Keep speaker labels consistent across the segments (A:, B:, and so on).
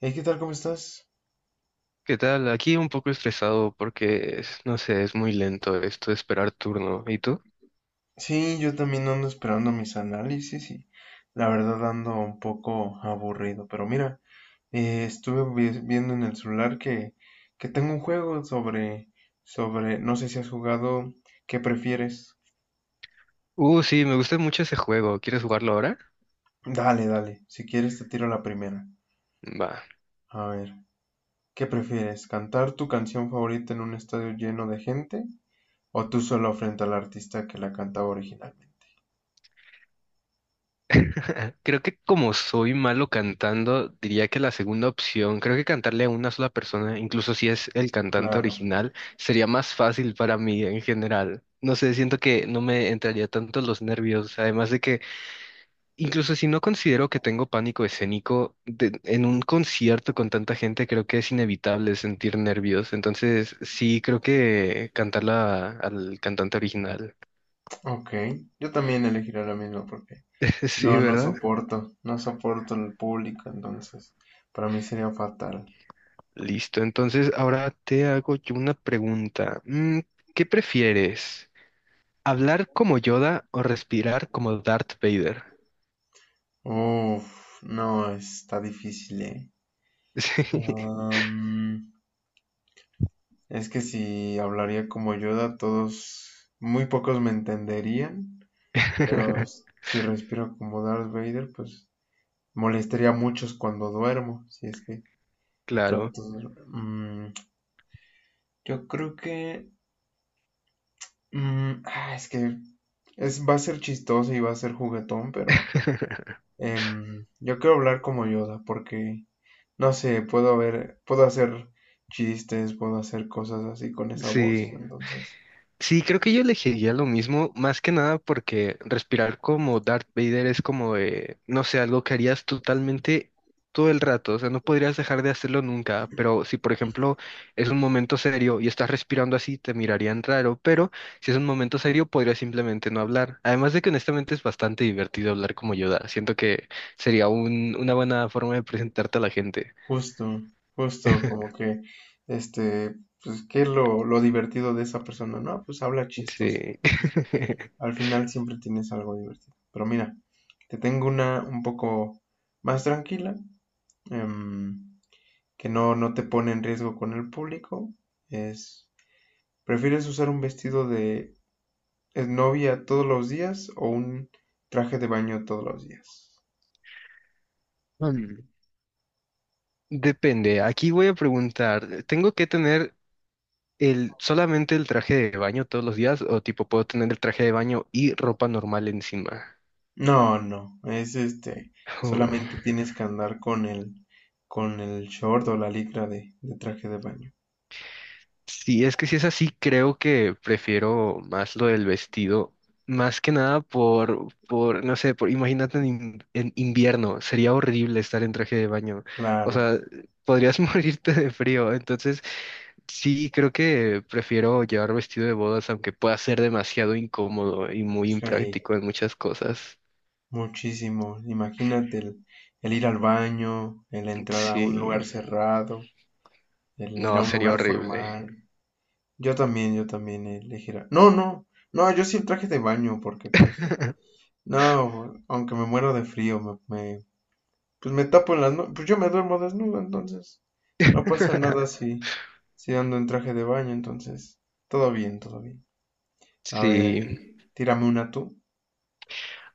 A: Hey, ¿qué tal? ¿Cómo estás?
B: ¿Qué tal? Aquí un poco estresado porque, no sé, es muy lento esto de esperar turno. ¿Y tú?
A: Sí, yo también ando esperando mis análisis y la verdad ando un poco aburrido. Pero mira, estuve viendo en el celular que tengo un juego sobre, no sé si has jugado, ¿qué prefieres?
B: Sí, me gusta mucho ese juego. ¿Quieres jugarlo ahora?
A: Dale, dale, si quieres te tiro la primera.
B: Va.
A: A ver, ¿qué prefieres? ¿Cantar tu canción favorita en un estadio lleno de gente o tú solo frente al artista que la cantaba originalmente?
B: Creo que como soy malo cantando, diría que la segunda opción, creo que cantarle a una sola persona, incluso si es el cantante
A: Claro,
B: original, sería más fácil para mí en general. No sé, siento que no me entraría tanto los nervios, además de que incluso si no considero que tengo pánico escénico, en un concierto con tanta gente creo que es inevitable sentir nervios. Entonces, sí, creo que cantarla al cantante original.
A: ok, yo también elegiré la misma porque.
B: Sí,
A: No, no
B: ¿verdad?
A: soporto, no soporto el público, entonces para mí sería fatal.
B: Listo. Entonces, ahora te hago yo una pregunta. ¿Qué prefieres? ¿Hablar como Yoda o respirar como Darth Vader?
A: Uf, no, está difícil, ¿eh?
B: Sí.
A: Am, es que si hablaría como Yoda, todos, muy pocos me entenderían, pero si respiro como Darth Vader, pues molestaría a muchos cuando duermo, si es que
B: Claro.
A: trato de. Yo creo que. Ah, es que va a ser chistoso y va a ser juguetón, pero. Yo quiero hablar como Yoda porque, no sé, puedo ver, puedo hacer chistes, puedo hacer cosas así con esa voz.
B: Sí.
A: Entonces,
B: Sí, creo que yo elegiría lo mismo, más que nada porque respirar como Darth Vader es como, no sé, algo que harías totalmente todo el rato, o sea, no podrías dejar de hacerlo nunca, pero si por ejemplo es un momento serio y estás respirando así, te mirarían raro, pero si es un momento serio, podrías simplemente no hablar. Además de que honestamente es bastante divertido hablar como Yoda, siento que sería una buena forma de presentarte a la gente.
A: justo, justo como que, este, pues, ¿qué es lo divertido de esa persona? No, pues habla chistos.
B: Sí.
A: Pues, al final siempre tienes algo divertido. Pero mira, te tengo una un poco más tranquila, em, que no te pone en riesgo con el público. Es, ¿Prefieres usar un vestido de es novia todos los días o un traje de baño todos los días?
B: Mm, Depende. Aquí voy a preguntar, ¿tengo que tener el, solamente el traje de baño todos los días o tipo puedo tener el traje de baño y ropa normal encima?
A: No, no, es
B: Hmm.
A: solamente tienes que andar con el short o la licra de traje de baño.
B: Sí, es que si es así, creo que prefiero más lo del vestido, más que nada no sé, imagínate en, en invierno, sería horrible estar en traje de baño, o
A: Claro,
B: sea, podrías morirte de frío, entonces sí, creo que prefiero llevar vestido de bodas, aunque pueda ser demasiado incómodo y muy
A: sí,
B: impráctico en muchas cosas.
A: muchísimo. Imagínate el, ir al baño, el entrar a un
B: Sí.
A: lugar cerrado, el ir
B: No,
A: a un
B: sería
A: lugar
B: horrible.
A: formal. Yo también elegiría. No, no, no, yo sí el traje de baño, porque pues, no, aunque me muero de frío, me pues me tapo en las no, pues yo me duermo desnudo, entonces no pasa nada si ando en traje de baño, entonces todo bien, todo bien. A ver,
B: Sí,
A: tírame una tú.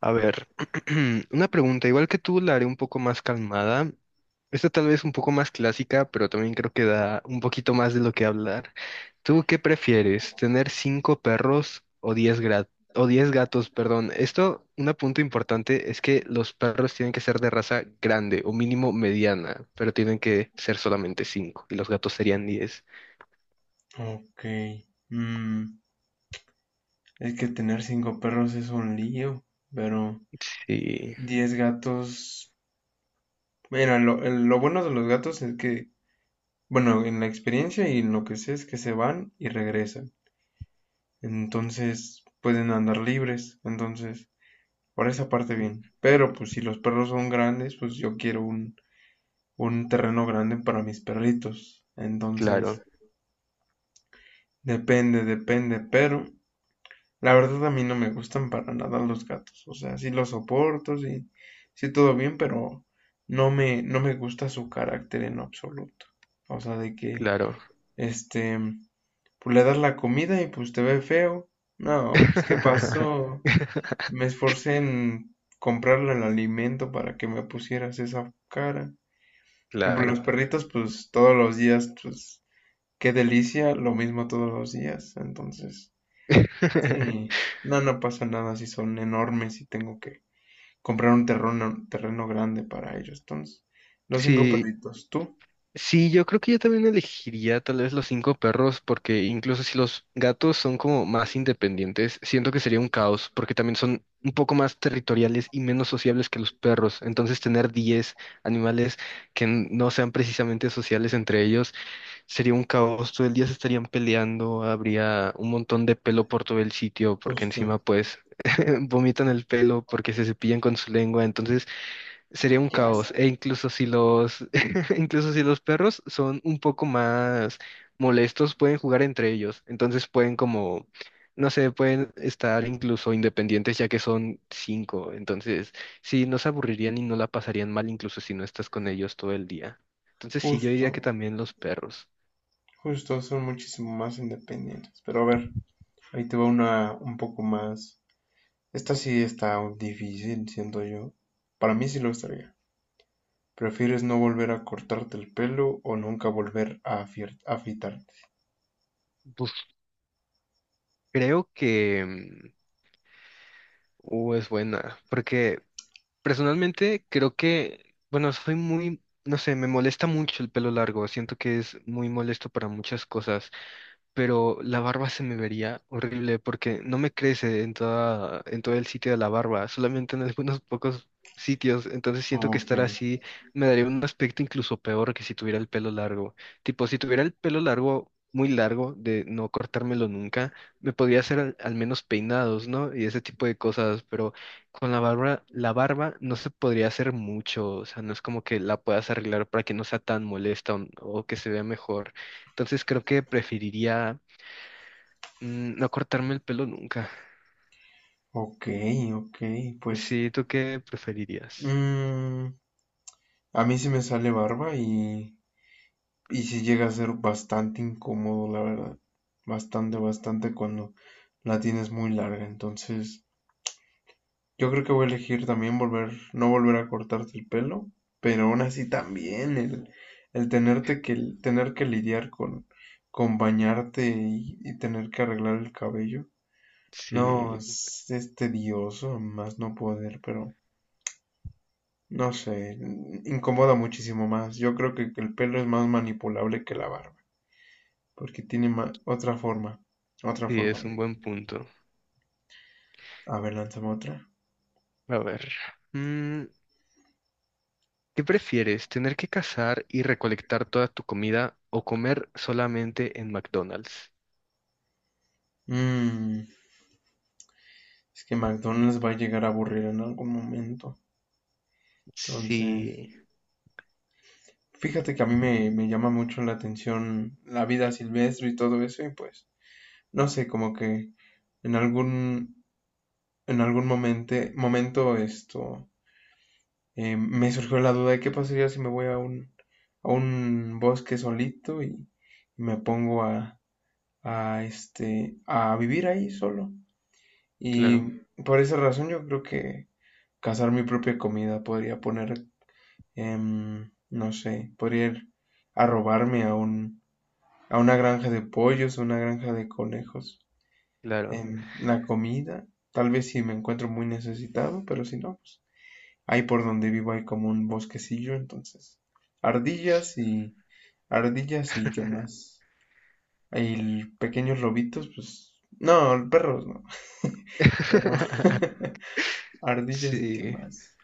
B: a ver, una pregunta, igual que tú, la haré un poco más calmada. Esta tal vez un poco más clásica, pero también creo que da un poquito más de lo que hablar. ¿Tú qué prefieres, tener cinco perros o diez o diez gatos, perdón? Esto, un punto importante es que los perros tienen que ser de raza grande o mínimo mediana, pero tienen que ser solamente cinco y los gatos serían diez.
A: Ok, mm, es que tener cinco perros es un lío, pero
B: Sí,
A: diez gatos, mira, lo bueno de los gatos es que, bueno, en la experiencia y en lo que sé es que se van y regresan, entonces pueden andar libres, entonces. Por esa parte bien. Pero pues si los perros son grandes, pues yo quiero un terreno grande para mis perritos.
B: claro,
A: Entonces, depende, depende. Pero la verdad a mí no me gustan para nada los gatos. O sea, sí los soporto, sí, sí todo bien, pero no me gusta su carácter en absoluto. O sea, de que,
B: claro.
A: este, pues le das la comida y pues te ve feo. No, pues ¿qué pasó? Me esforcé en comprarle el alimento para que me pusieras esa cara. Y por los
B: Claro.
A: perritos, pues todos los días, pues qué delicia, lo mismo todos los días. Entonces, sí, no pasa nada si son enormes y tengo que comprar un terreno, terreno grande para ellos. Entonces, los cinco
B: Sí,
A: perritos, tú,
B: sí, yo creo que yo también elegiría tal vez los cinco perros, porque incluso si los gatos son como más independientes, siento que sería un caos, porque también son un poco más territoriales y menos sociables que los perros. Entonces, tener 10 animales que no sean precisamente sociales entre ellos sería un caos, todo el día se estarían peleando, habría un montón de pelo por todo el sitio, porque
A: justo,
B: encima pues vomitan el pelo porque se cepillan con su lengua, entonces sería
A: ah,
B: un
A: qué
B: caos. E
A: asco,
B: incluso si los, incluso si los perros son un poco más molestos, pueden jugar entre ellos, entonces pueden como, no sé, pueden estar incluso independientes ya que son cinco, entonces sí, no se aburrirían y no la pasarían mal incluso si no estás con ellos todo el día. Entonces sí, yo diría
A: justo,
B: que también los perros.
A: justo, son muchísimo más independientes. Pero a ver, ahí te va una un poco más. Esta sí está difícil, siento yo. Para mí sí lo estaría. ¿Prefieres no volver a cortarte el pelo o nunca volver a afeitarte?
B: Pues creo que U es buena, porque personalmente creo que, bueno, soy muy, no sé, me molesta mucho el pelo largo, siento que es muy molesto para muchas cosas. Pero la barba se me vería horrible porque no me crece en toda, en todo el sitio de la barba, solamente en algunos pocos sitios, entonces siento que
A: Ok,
B: estar así me daría un aspecto incluso peor que si tuviera el pelo largo. Tipo, si tuviera el pelo largo, muy largo, de no cortármelo nunca, me podría hacer al menos peinados, ¿no? Y ese tipo de cosas, pero con la barba no se podría hacer mucho, o sea, no es como que la puedas arreglar para que no sea tan molesta o que se vea mejor. Entonces creo que preferiría no cortarme el pelo nunca.
A: ok, ok, pues
B: Sí, ¿tú qué preferirías?
A: mm, a mí sí me sale barba y sí llega a ser bastante incómodo, la verdad. Bastante, bastante cuando la tienes muy larga. Entonces, yo creo que voy a elegir también no volver a cortarte el pelo, pero aún así también el tenerte que, tener que lidiar con bañarte y tener que arreglar el cabello. No,
B: Sí,
A: es tedioso, más no poder, pero no sé, incomoda muchísimo más. Yo creo que el pelo es más manipulable que la barba, porque tiene otra forma, otra
B: sí,
A: forma.
B: es un buen punto.
A: A ver, lánzame otra.
B: A ver, mm, ¿qué prefieres? ¿Tener que cazar y recolectar toda tu comida o comer solamente en McDonald's?
A: Mm, es que McDonald's va a llegar a aburrir en algún momento. Entonces,
B: Sí,
A: fíjate que a mí me llama mucho la atención la vida silvestre y todo eso, y pues, no sé, como que en algún, en algún momento, momento esto, me surgió la duda de qué pasaría si me voy a un bosque solito y me pongo a vivir ahí solo. Y
B: claro,
A: por esa razón yo creo que cazar mi propia comida podría poner, no sé, podría ir a robarme a una granja de pollos, una granja de conejos.
B: claro.
A: En la comida, tal vez si me encuentro muy necesitado, pero si no, pues ahí por donde vivo hay como un bosquecillo, entonces ardillas y ardillas y qué más. Hay pequeños lobitos, pues no, perros no, pero ardillas y qué
B: Sí.
A: más.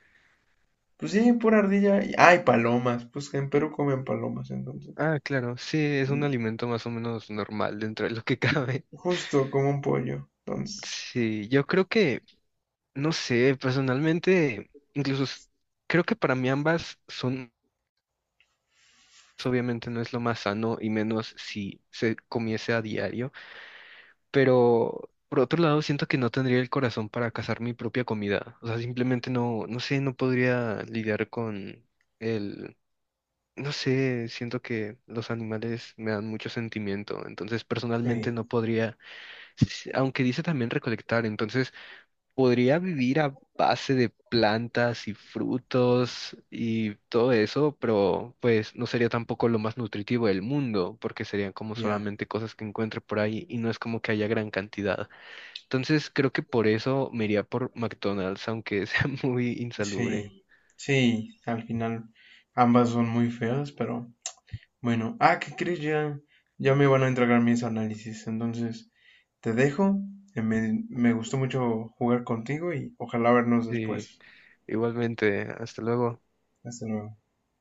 A: Pues sí, pura ardilla. Ah, palomas. Pues en Perú comen palomas, entonces.
B: Ah, claro, sí, es un
A: Mm,
B: alimento más o menos normal dentro de lo que cabe.
A: Justo como un pollo. Entonces.
B: Sí, yo creo que no sé, personalmente, incluso creo que para mí ambas son, obviamente no es lo más sano y menos si se comiese a diario, pero por otro lado siento que no tendría el corazón para cazar mi propia comida, o sea, simplemente no, no sé, no podría lidiar con el, no sé, siento que los animales me dan mucho sentimiento, entonces personalmente no
A: Sí,
B: podría, s- aunque dice también recolectar, entonces... Podría vivir a base de plantas y frutos y todo eso, pero pues no sería tampoco lo más nutritivo del mundo, porque serían como
A: ya.
B: solamente cosas que encuentre por ahí y no es como que haya gran cantidad. Entonces creo que por eso me iría por McDonald's, aunque sea muy insalubre.
A: Sí, sí, al final ambas son muy feas, pero bueno. Ah, ¿qué crees? Ya, ya me van a entregar mis análisis, entonces te dejo. Me gustó mucho jugar contigo y ojalá vernos
B: Sí,
A: después.
B: igualmente, hasta luego.
A: Hasta luego.